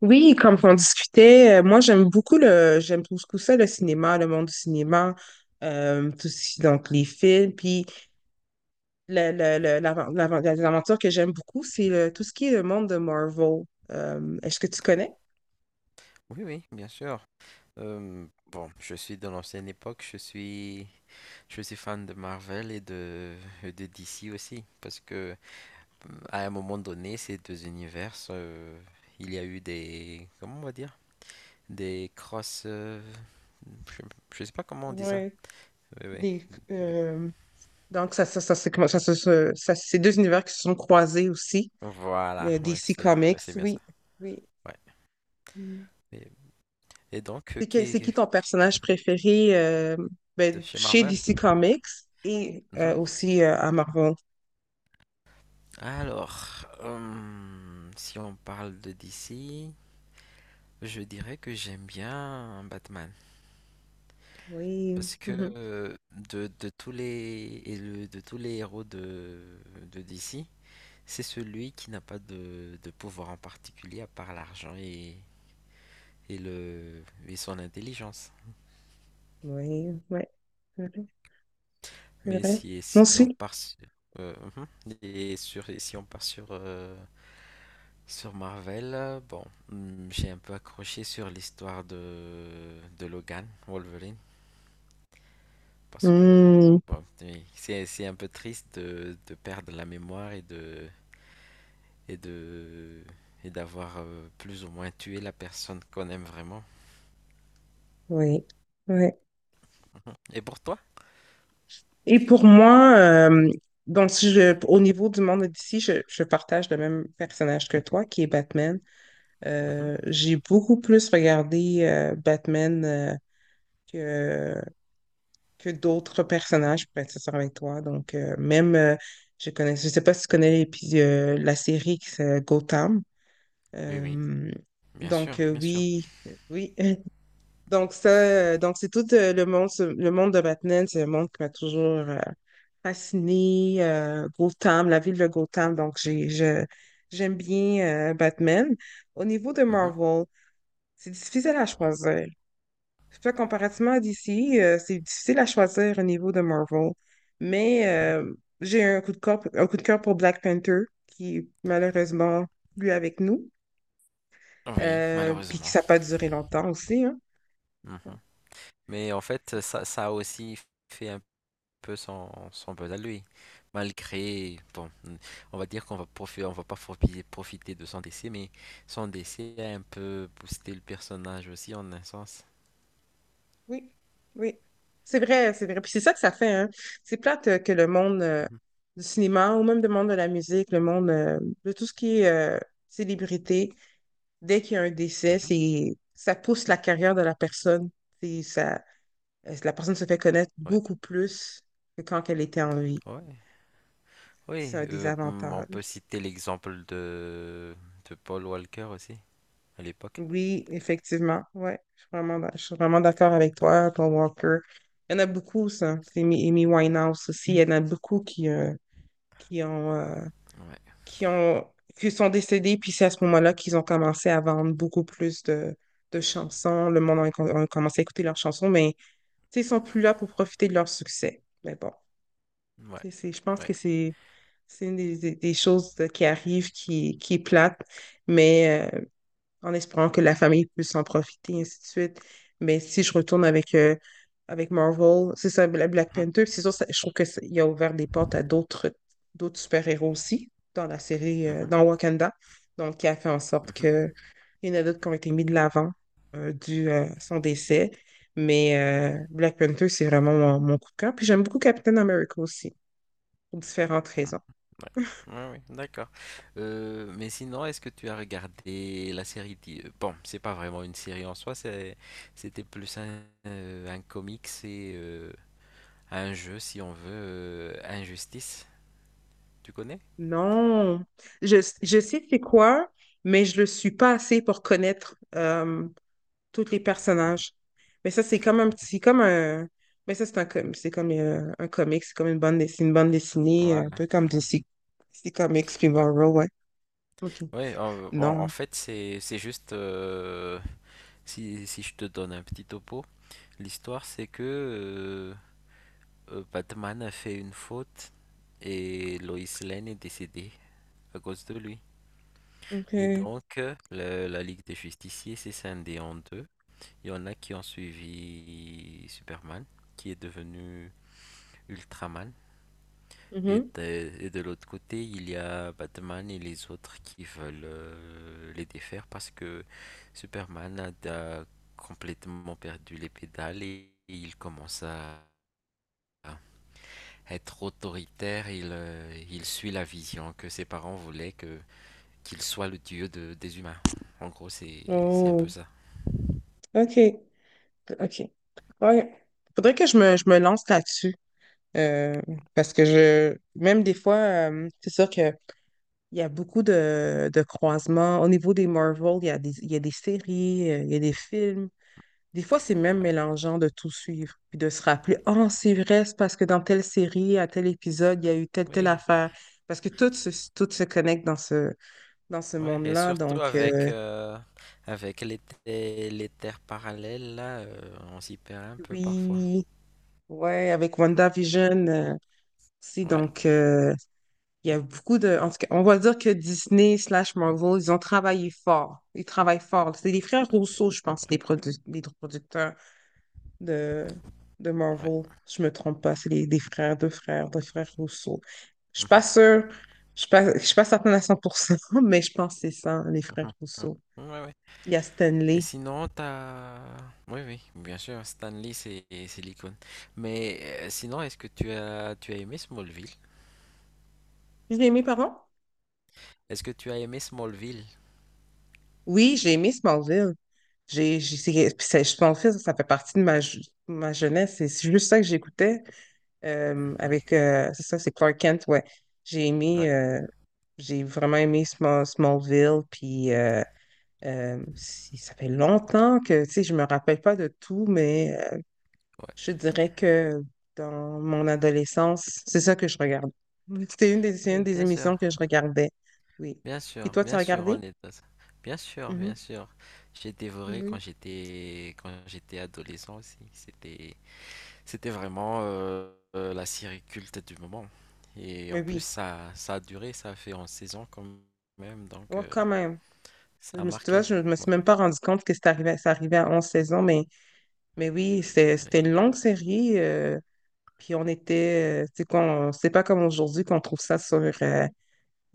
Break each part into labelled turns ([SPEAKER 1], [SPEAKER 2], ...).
[SPEAKER 1] Oui, comme on discutait, moi j'aime beaucoup j'aime beaucoup ça, le cinéma, le monde du cinéma, donc les films, puis les aventures que j'aime beaucoup, c'est tout ce qui est le monde de Marvel. Est-ce que tu connais?
[SPEAKER 2] Oui, oui, bien sûr. Bon, je suis de l'ancienne époque, je suis fan de Marvel et de DC aussi, parce que à un moment donné, ces deux univers, il y a eu comment on va dire, des cross, je, je sais pas comment on dit ça.
[SPEAKER 1] Oui.
[SPEAKER 2] Oui, oui.
[SPEAKER 1] Des,
[SPEAKER 2] mais-
[SPEAKER 1] euh, donc ça, c'est comment- ça, se- se- ça, c'est deux univers qui se sont croisés aussi,
[SPEAKER 2] Voilà,
[SPEAKER 1] le DC
[SPEAKER 2] ouais,
[SPEAKER 1] Comics,
[SPEAKER 2] c'est bien ça.
[SPEAKER 1] oui, oui.
[SPEAKER 2] Ouais. Et, et donc,
[SPEAKER 1] C'est qui ton personnage préféré,
[SPEAKER 2] de
[SPEAKER 1] ben,
[SPEAKER 2] chez
[SPEAKER 1] chez
[SPEAKER 2] Marvel?
[SPEAKER 1] DC Comics et,
[SPEAKER 2] Mhm.
[SPEAKER 1] aussi, à Marvel?
[SPEAKER 2] Alors, si on parle de DC. Je dirais que j'aime bien Batman
[SPEAKER 1] Oui.
[SPEAKER 2] parce que
[SPEAKER 1] Mhm.
[SPEAKER 2] euh, de tous de tous les héros de DC, c'est celui qui n'a pas de pouvoir en particulier à part l'argent et le et son intelligence.
[SPEAKER 1] Oui, ouais. C'est vrai, c'est
[SPEAKER 2] Mais
[SPEAKER 1] vrai.
[SPEAKER 2] si
[SPEAKER 1] Moi
[SPEAKER 2] si on
[SPEAKER 1] aussi.
[SPEAKER 2] part sur, mhm. et sur et si on part sur sur Marvel, bon, j'ai un peu accroché sur l'histoire de Logan, Wolverine. Parce que
[SPEAKER 1] Hmm.
[SPEAKER 2] bon, oui, c'est un peu triste de perdre la mémoire et de et d'avoir plus ou moins tué la personne qu'on aime vraiment.
[SPEAKER 1] Oui. Ouais.
[SPEAKER 2] Et pour toi?
[SPEAKER 1] Et pour moi, donc si je, au niveau du monde d'ici, je partage le même personnage que toi, qui est Batman.
[SPEAKER 2] Mhm.
[SPEAKER 1] J'ai beaucoup plus regardé, Batman, que, que d'autres personnages, pour être sincère avec toi. Donc, même, je sais pas si tu connais la série qui s'appelle Gotham.
[SPEAKER 2] Oui, oui,
[SPEAKER 1] Euh,
[SPEAKER 2] bien sûr,
[SPEAKER 1] donc,
[SPEAKER 2] bien sûr.
[SPEAKER 1] oui, oui. Donc ça, donc c'est tout, le monde, le monde de Batman, c'est un monde qui m'a toujours, euh, fasciné. Gotham, la ville de Gotham, donc j'aime bien, Batman. Au niveau de
[SPEAKER 2] Mhm,
[SPEAKER 1] Marvel, c'est difficile à choisir. Je sais pas, comparativement à DC, c'est difficile à choisir au niveau de Marvel. Mais
[SPEAKER 2] mhm.
[SPEAKER 1] euh, j'ai un coup de cœur, un coup de cœur pour Black Panther, qui est malheureusement plus avec nous,
[SPEAKER 2] Oui,
[SPEAKER 1] puis que
[SPEAKER 2] malheureusement.
[SPEAKER 1] ça n'a pas duré longtemps aussi, hein.
[SPEAKER 2] Mhm. Mais en fait, ça a aussi fait un peu son buzz à lui. Malgré, bon, on va dire qu'on va profi- on va pas profi- profiter de son décès, mais son décès a un peu boosté le personnage aussi en un sens.
[SPEAKER 1] Oui, oui. C'est vrai, c'est vrai. Puis c'est ça que ça fait, hein. C'est plate, que le monde,
[SPEAKER 2] Mhm,
[SPEAKER 1] du cinéma ou même le monde de la musique, le monde, de tout ce qui est, célébrité, dès qu'il y a un décès,
[SPEAKER 2] mhm.
[SPEAKER 1] c'est ça pousse la carrière de la personne. C'est ça. La personne se fait connaître
[SPEAKER 2] Ouais,
[SPEAKER 1] beaucoup plus que quand elle était en vie.
[SPEAKER 2] ouais,
[SPEAKER 1] C'est
[SPEAKER 2] oui.
[SPEAKER 1] un
[SPEAKER 2] On peut
[SPEAKER 1] désavantage.
[SPEAKER 2] citer l'exemple de Paul Walker aussi à l'époque.
[SPEAKER 1] Oui, effectivement. Ouais, je suis vraiment, je suis vraiment d'accord avec
[SPEAKER 2] Ouais,
[SPEAKER 1] toi, Paul Walker. Il y en a beaucoup, ça. C'est Amy Winehouse aussi. Il y en a beaucoup qui ont, euh,
[SPEAKER 2] ouais,
[SPEAKER 1] qui ont, qui sont décédés. Puis c'est à ce moment-là qu'ils ont commencé à vendre beaucoup plus de chansons. Le monde a commencé à écouter leurs chansons, mais tu sais, ils sont plus là pour profiter de leur succès. Mais bon,
[SPEAKER 2] ouais,
[SPEAKER 1] tu sais, je pense
[SPEAKER 2] ouais.
[SPEAKER 1] que c'est une des, des choses, qui arrivent, qui est plate, mais, en espérant que la famille puisse en profiter, et ainsi de suite. Mais si je retourne avec, avec Marvel, c'est ça, Black
[SPEAKER 2] Mhm,
[SPEAKER 1] Panther, c'est sûr, je trouve qu'il a ouvert des portes à d'autres super-héros aussi dans la série, dans Wakanda. Donc, qui a fait en sorte
[SPEAKER 2] mhm, mhm.
[SPEAKER 1] qu'il y en a d'autres qui ont été mis de l'avant, dû, à son décès. Mais Black Panther, c'est vraiment mon coup de cœur. Puis j'aime beaucoup Captain America aussi, pour différentes raisons.
[SPEAKER 2] Ouais, ouais, ouais, d'accord. Mais sinon, est-ce que tu as regardé la série. Bon, c'est pas vraiment une série en soi, c'était plus un comics et un jeu, si on veut, Injustice. Tu connais?
[SPEAKER 1] Non, je, je sais c'est quoi, mais je le suis pas assez pour connaître, tous les
[SPEAKER 2] Mhm.
[SPEAKER 1] personnages. Mais ça, c'est comme un petit, comme un, mais ça, c'est un, c'est comme, un comic, c'est comme une bande, c'est une bande dessinée, un
[SPEAKER 2] Voilà.
[SPEAKER 1] peu comme
[SPEAKER 2] Mhm.
[SPEAKER 1] DC, DC Comics
[SPEAKER 2] Ouais.
[SPEAKER 1] Tomorrow, ouais. OK.
[SPEAKER 2] Ouais, bon,
[SPEAKER 1] Non.
[SPEAKER 2] en fait, c'est juste si, si je te donne un petit topo, l'histoire c'est que Batman a fait une faute et Lois Lane est décédée à cause de lui. Et
[SPEAKER 1] OK.
[SPEAKER 2] donc, la Ligue des Justiciers s'est scindée en deux. Il y en a qui ont suivi Superman, qui est devenu Ultraman. Et
[SPEAKER 1] Mhm.
[SPEAKER 2] de, et de l'autre côté, il y a Batman et les autres qui veulent les défaire parce que a complètement perdu les pédales et il commence à être autoritaire. Il suit la vision que ses parents voulaient que qu'il soit le dieu des humains. En gros, c'est un peu
[SPEAKER 1] Oh,
[SPEAKER 2] ça.
[SPEAKER 1] OK. OK. Ouais. Faudrait que je me lance là-dessus. euh, Parce que même des fois, c'est sûr que il y a beaucoup de croisements. Au niveau des Marvel, il y a il y a des séries, il y a des films. Des fois, c'est même
[SPEAKER 2] Ouais.
[SPEAKER 1] mélangeant de tout suivre, puis de se rappeler, oh, c'est vrai, c'est parce que dans telle série, à tel épisode, il y a eu telle
[SPEAKER 2] Oui,
[SPEAKER 1] affaire. Parce que tout se connecte dans ce
[SPEAKER 2] ouais, et
[SPEAKER 1] monde-là.
[SPEAKER 2] surtout
[SPEAKER 1] Donc,
[SPEAKER 2] avec les terres parallèles, là, on s'y perd un peu parfois.
[SPEAKER 1] oui. Ouais, avec WandaVision, aussi.
[SPEAKER 2] Ouais,
[SPEAKER 1] Donc, il y a beaucoup de. En tout cas, on va dire que Disney slash Marvel, ils ont travaillé fort. Ils travaillent fort. C'est les frères Rousseau, je pense,
[SPEAKER 2] ouais.
[SPEAKER 1] les producteurs de, de
[SPEAKER 2] ouais.
[SPEAKER 1] Marvel. Je me trompe pas. C'est les, des frères, deux frères, deux frères Rousseau. Je suis pas
[SPEAKER 2] mhm,
[SPEAKER 1] sûre. Je suis pas certaine à 100% mais je pense que c'est ça, les
[SPEAKER 2] mhm,
[SPEAKER 1] frères Rousseau.
[SPEAKER 2] mhm. Ouais, ouais.
[SPEAKER 1] Il y a
[SPEAKER 2] Et
[SPEAKER 1] Stanley.
[SPEAKER 2] sinon, t'as... Oui, oui, bien sûr, Stanley, c'est l'icône. Mais sinon, est-ce que tu as aimé Smallville?
[SPEAKER 1] Je l'ai aimé, pardon?
[SPEAKER 2] Est-ce que tu as aimé Smallville?
[SPEAKER 1] Oui, j'ai aimé Smallville. J'ai, c'est- puis c'est- Smallville, ça fait partie de ma jeunesse. C'est juste ça que j'écoutais,
[SPEAKER 2] Mhm.
[SPEAKER 1] avec, c'est ça, c'est Clark Kent, ouais. J'ai aimé,
[SPEAKER 2] Ouais,
[SPEAKER 1] euh, j'ai vraiment aimé Smallville, puis, ça fait longtemps que, tu sais, je me rappelle pas de tout, mais,
[SPEAKER 2] ouais.
[SPEAKER 1] je dirais que dans mon adolescence, c'est ça que je regarde. C'est une
[SPEAKER 2] Oui,
[SPEAKER 1] des
[SPEAKER 2] bien sûr.
[SPEAKER 1] émissions que je regardais, oui.
[SPEAKER 2] Bien
[SPEAKER 1] Puis
[SPEAKER 2] sûr,
[SPEAKER 1] toi, tu as
[SPEAKER 2] bien sûr,
[SPEAKER 1] regardé?
[SPEAKER 2] on est dans ça. Bien sûr, bien
[SPEAKER 1] Mhm.
[SPEAKER 2] sûr. J'ai dévoré
[SPEAKER 1] Oui.
[SPEAKER 2] quand j'étais adolescent aussi. C'était vraiment la série culte du moment. Et
[SPEAKER 1] Mais
[SPEAKER 2] en plus
[SPEAKER 1] oui,
[SPEAKER 2] ça a duré, ça a fait en saison quand même, donc
[SPEAKER 1] ouais, quand même. Je
[SPEAKER 2] ça a
[SPEAKER 1] me suis, tu vois,
[SPEAKER 2] marqué.
[SPEAKER 1] je me
[SPEAKER 2] Ouais,
[SPEAKER 1] suis même pas rendu compte que c'est arrivé, ça arrivait à 11 saisons, mais oui,
[SPEAKER 2] ouais.
[SPEAKER 1] c'était une longue série. Puis on était, tu sais, c'est pas comme aujourd'hui qu'on trouve ça sur, euh,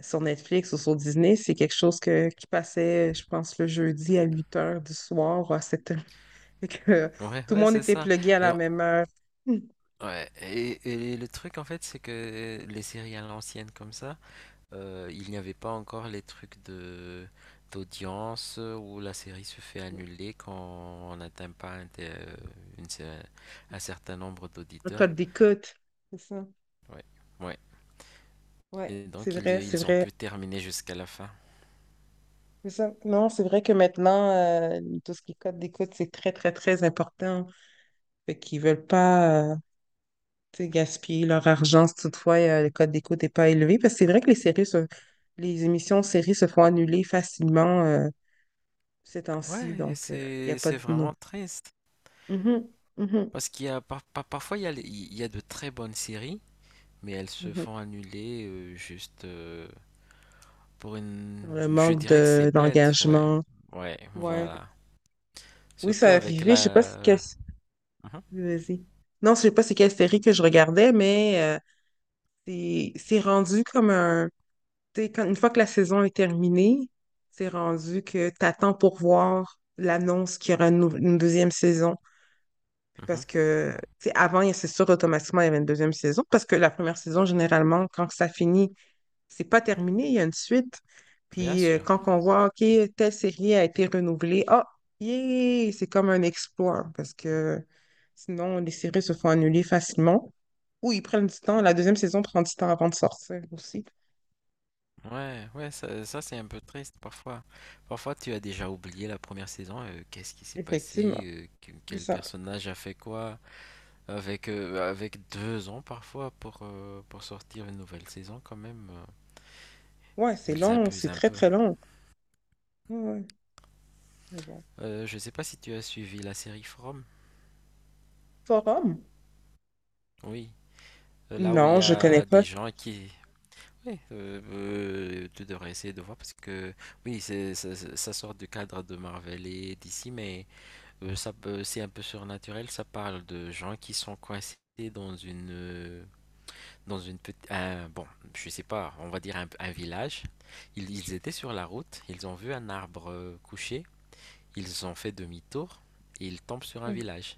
[SPEAKER 1] sur Netflix ou sur Disney. C'est quelque chose qui passait, je pense, le jeudi à 8 h du soir, ou à 7 heures. Fait que,
[SPEAKER 2] Ouais,
[SPEAKER 1] tout le
[SPEAKER 2] ouais,
[SPEAKER 1] monde
[SPEAKER 2] c'est
[SPEAKER 1] était
[SPEAKER 2] ça.
[SPEAKER 1] plugué à
[SPEAKER 2] Et,
[SPEAKER 1] la
[SPEAKER 2] on-
[SPEAKER 1] même heure. Hum.
[SPEAKER 2] ouais, et le truc en fait, c'est que les séries à l'ancienne comme ça, euh, il n'y avait pas encore les trucs de d'audience où la série se fait annuler quand on n'atteint pas une cer- un certain nombre
[SPEAKER 1] Un
[SPEAKER 2] d'auditeurs.
[SPEAKER 1] code d'écoute. C'est ça.
[SPEAKER 2] Ouais. Ouais.
[SPEAKER 1] Ouais,
[SPEAKER 2] Et
[SPEAKER 1] c'est
[SPEAKER 2] donc
[SPEAKER 1] vrai, c'est
[SPEAKER 2] ils ont
[SPEAKER 1] vrai.
[SPEAKER 2] pu terminer jusqu'à la fin.
[SPEAKER 1] C'est ça. Non, c'est vrai que maintenant, tout ce qui est code d'écoute, c'est très, très, très important. Fait qu'ils veulent pas, tu sais, gaspiller leur argent si toutefois, le code d'écoute n'est pas élevé. Parce que c'est vrai que les émissions de séries se font annuler facilement, ces temps-ci.
[SPEAKER 2] Ouais,
[SPEAKER 1] Donc, il n'y a
[SPEAKER 2] c'est
[SPEAKER 1] pas
[SPEAKER 2] c'est
[SPEAKER 1] de nous.
[SPEAKER 2] vraiment triste.
[SPEAKER 1] Mhm, mhm,
[SPEAKER 2] Parce qu'il y a parfois il y il y a de très bonnes séries, mais elles se
[SPEAKER 1] mhm.
[SPEAKER 2] font annuler juste pour une...
[SPEAKER 1] Le
[SPEAKER 2] Je
[SPEAKER 1] manque
[SPEAKER 2] dirais que c'est bête, ouais.
[SPEAKER 1] d'engagement.
[SPEAKER 2] Ouais,
[SPEAKER 1] Ouais.
[SPEAKER 2] voilà.
[SPEAKER 1] Oui,
[SPEAKER 2] Surtout
[SPEAKER 1] ça
[SPEAKER 2] avec
[SPEAKER 1] arrivé. Je sais pas c'est quelle...
[SPEAKER 2] la... Mhm.
[SPEAKER 1] Vas-y. Non, je sais pas c'est quelle série que je regardais, mais, c'est rendu comme un. Tu sais, une fois que la saison est terminée, c'est rendu que tu attends pour voir l'annonce qu'il y aura une deuxième saison.
[SPEAKER 2] Mhm.
[SPEAKER 1] Parce que, tu sais, avant, c'est sûr, automatiquement, il y avait une deuxième saison. Parce que la première saison, généralement, quand ça finit, c'est pas terminé, il y a une suite.
[SPEAKER 2] Bien
[SPEAKER 1] Puis,
[SPEAKER 2] sûr.
[SPEAKER 1] quand on voit, OK, telle série a été renouvelée, ah, yeah, c'est comme un exploit. Parce que sinon, les séries se font annuler facilement. Ou ils prennent du temps. La deuxième saison prend du temps avant de sortir aussi.
[SPEAKER 2] Ouais, ouais, ça, c'est un peu triste parfois. Parfois tu as déjà oublié la première saison, qu'est-ce qui s'est
[SPEAKER 1] Effectivement,
[SPEAKER 2] passé,
[SPEAKER 1] c'est
[SPEAKER 2] quel
[SPEAKER 1] ça.
[SPEAKER 2] personnage a fait quoi, avec deux ans parfois pour sortir une nouvelle saison quand même,
[SPEAKER 1] Ouais, c'est
[SPEAKER 2] ils
[SPEAKER 1] long,
[SPEAKER 2] abusent
[SPEAKER 1] c'est
[SPEAKER 2] un
[SPEAKER 1] très
[SPEAKER 2] peu.
[SPEAKER 1] très long. Ouais, ouais, mais bon.
[SPEAKER 2] Je sais pas si tu as suivi la série From.
[SPEAKER 1] Forum?
[SPEAKER 2] Oui, euh, là où il
[SPEAKER 1] Non,
[SPEAKER 2] y
[SPEAKER 1] je connais
[SPEAKER 2] a des
[SPEAKER 1] pas.
[SPEAKER 2] gens qui... Oui, tu devrais essayer de voir parce que oui, c'est, ça, ça ça sort du cadre de Marvel et d'ici, mais... c'est un peu surnaturel, ça parle de gens qui sont coincés dans une euh, dans une bon, je sais pas, on va dire un village. Ils étaient sur la route, ils ont vu un arbre couché, ils ont fait demi-tour et ils tombent sur un
[SPEAKER 1] Mhm.
[SPEAKER 2] village.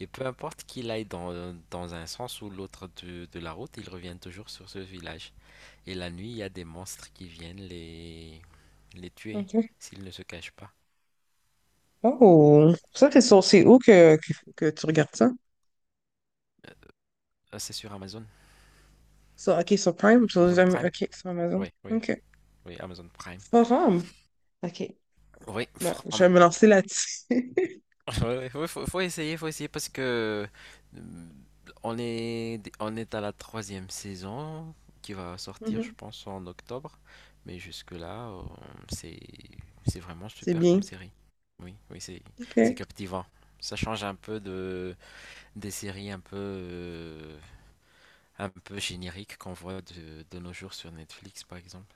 [SPEAKER 2] Et peu importe qu'il aille dans un sens ou l'autre de la route, ils reviennent toujours sur ce village. Et la nuit, il y a des monstres qui viennent les tuer
[SPEAKER 1] Ok.
[SPEAKER 2] s'ils ne se cachent pas.
[SPEAKER 1] Oh, ça, c'est où que tu regardes ça?
[SPEAKER 2] Ah, c'est sur Amazon,
[SPEAKER 1] Sur, ok, sur Prime,
[SPEAKER 2] Amazon Prime.
[SPEAKER 1] Ok, sur Amazon.
[SPEAKER 2] Oui, oui,
[SPEAKER 1] Ok.
[SPEAKER 2] Oui, Amazon Prime.
[SPEAKER 1] Forum? Ok.
[SPEAKER 2] Oui,
[SPEAKER 1] Ben, je vais me lancer là-dessus.
[SPEAKER 2] ouais, ouais, ouais, faut essayer parce que euh, on est à la troisième saison qui va sortir, je
[SPEAKER 1] Mhm.
[SPEAKER 2] pense, en octobre. Mais jusque-là, c'est, c'est vraiment
[SPEAKER 1] C'est
[SPEAKER 2] super
[SPEAKER 1] bien.
[SPEAKER 2] comme série. Oui, oui, c'est
[SPEAKER 1] OK.
[SPEAKER 2] captivant. Ça change un peu des séries un peu génériques qu'on voit de nos jours sur Netflix, par exemple.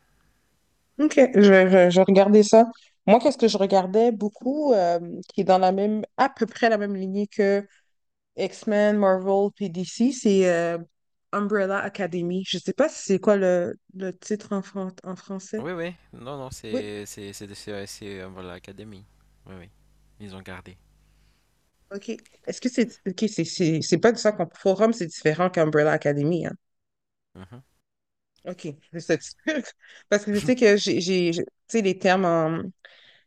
[SPEAKER 1] OK. Je regardais ça. Moi, qu'est-ce que je regardais beaucoup, qui est dans à peu près la même lignée que X-Men, Marvel, puis DC, c'est, Umbrella Academy. Je sais pas si c'est quoi le titre en français.
[SPEAKER 2] Oui, oui. Non, non,
[SPEAKER 1] Oui,
[SPEAKER 2] c'est, voilà, l'académie. Oui, oui. Ils ont gardé.
[SPEAKER 1] ok. Est-ce que c'est... Ok, c'est pas de ça qu'on... Forum, c'est différent qu'Umbrella Academy, hein?
[SPEAKER 2] Mhm.
[SPEAKER 1] Ok, je être sûre. Parce que je sais que Tu sais, les termes en...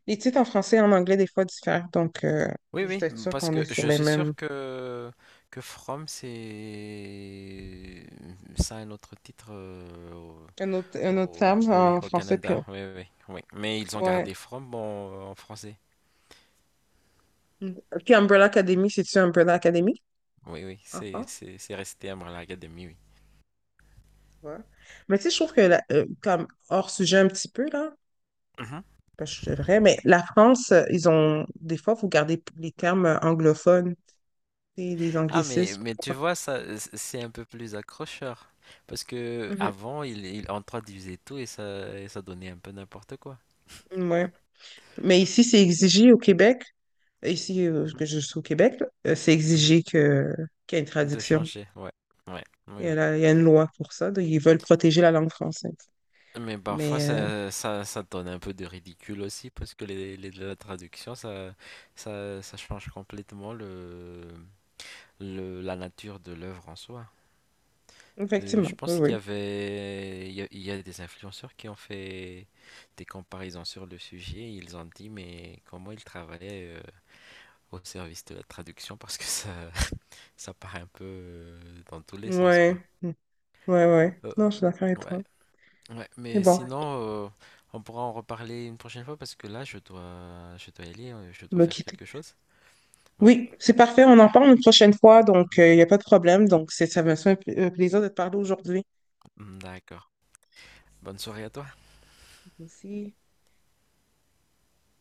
[SPEAKER 1] Les titres en français et en anglais, des fois, diffèrent. Donc,
[SPEAKER 2] Oui,
[SPEAKER 1] juste
[SPEAKER 2] oui,
[SPEAKER 1] être sûr
[SPEAKER 2] parce
[SPEAKER 1] qu'on est
[SPEAKER 2] que
[SPEAKER 1] sur
[SPEAKER 2] je
[SPEAKER 1] les
[SPEAKER 2] suis
[SPEAKER 1] mêmes...
[SPEAKER 2] sûr que From c'est ça a un autre titre
[SPEAKER 1] Un autre,
[SPEAKER 2] au,
[SPEAKER 1] un autre terme
[SPEAKER 2] oui, oui,
[SPEAKER 1] en
[SPEAKER 2] au
[SPEAKER 1] français, puis...
[SPEAKER 2] Canada. Oui, oui, oui. Mais ils ont
[SPEAKER 1] Ouais.
[SPEAKER 2] gardé From en, en français.
[SPEAKER 1] Mm. Puis Umbrella Academy, c'est-tu Umbrella Academy
[SPEAKER 2] Oui, oui,
[SPEAKER 1] en
[SPEAKER 2] c'est
[SPEAKER 1] France?
[SPEAKER 2] c'est c'est resté Umbrella Academy, oui.
[SPEAKER 1] Ouais. Mais tu sais, je trouve que, comme hors sujet un petit peu, là,
[SPEAKER 2] Mhm.
[SPEAKER 1] parce que c'est vrai, mais la France, ils ont, des fois, faut garder, les termes, anglophones, et les
[SPEAKER 2] Ah
[SPEAKER 1] anglicismes.
[SPEAKER 2] mais tu vois ça c'est un peu plus accrocheur parce que
[SPEAKER 1] Mhm.
[SPEAKER 2] avant il introduisait tout et ça donnait un peu n'importe quoi.
[SPEAKER 1] Ouais. Mais ici, c'est exigé au Québec, ici,
[SPEAKER 2] Mhm,
[SPEAKER 1] que je suis au Québec, là, c'est
[SPEAKER 2] mhm.
[SPEAKER 1] exigé qu'il y ait une
[SPEAKER 2] De
[SPEAKER 1] traduction.
[SPEAKER 2] changer, ouais, ouais, oui,
[SPEAKER 1] Il y a,
[SPEAKER 2] oui.
[SPEAKER 1] la- il y a une loi pour ça, donc ils veulent protéger la langue française.
[SPEAKER 2] Mais parfois
[SPEAKER 1] Mais,
[SPEAKER 2] ça, ça, ça donne un peu de ridicule aussi parce que la traduction ça, ça, ça change complètement la nature de l'œuvre en soi. Je
[SPEAKER 1] effectivement, oui,
[SPEAKER 2] pense qu'il
[SPEAKER 1] oui.
[SPEAKER 2] y avait, il y a des influenceurs qui ont fait des comparaisons sur le sujet. Ils ont dit, mais comment ils travaillaient au service de la traduction parce que ça, ça part un peu dans tous les sens, quoi.
[SPEAKER 1] Ouais, Mm, ouais, ouais.
[SPEAKER 2] Euh,
[SPEAKER 1] Non, je suis d'accord avec
[SPEAKER 2] ouais,
[SPEAKER 1] toi.
[SPEAKER 2] ouais.
[SPEAKER 1] Mais
[SPEAKER 2] Mais
[SPEAKER 1] bon,
[SPEAKER 2] sinon, on pourra en reparler une prochaine fois parce que là, je dois y aller, je
[SPEAKER 1] on
[SPEAKER 2] dois
[SPEAKER 1] va
[SPEAKER 2] faire
[SPEAKER 1] quitter.
[SPEAKER 2] quelque chose. Ouais.
[SPEAKER 1] Oui, c'est parfait. On en parle une prochaine fois,
[SPEAKER 2] Mm,
[SPEAKER 1] donc il n'y a pas de problème. Donc, ça me fait un plaisir de te parler aujourd'hui.
[SPEAKER 2] mm, d'accord. Bonne soirée à toi.
[SPEAKER 1] Merci.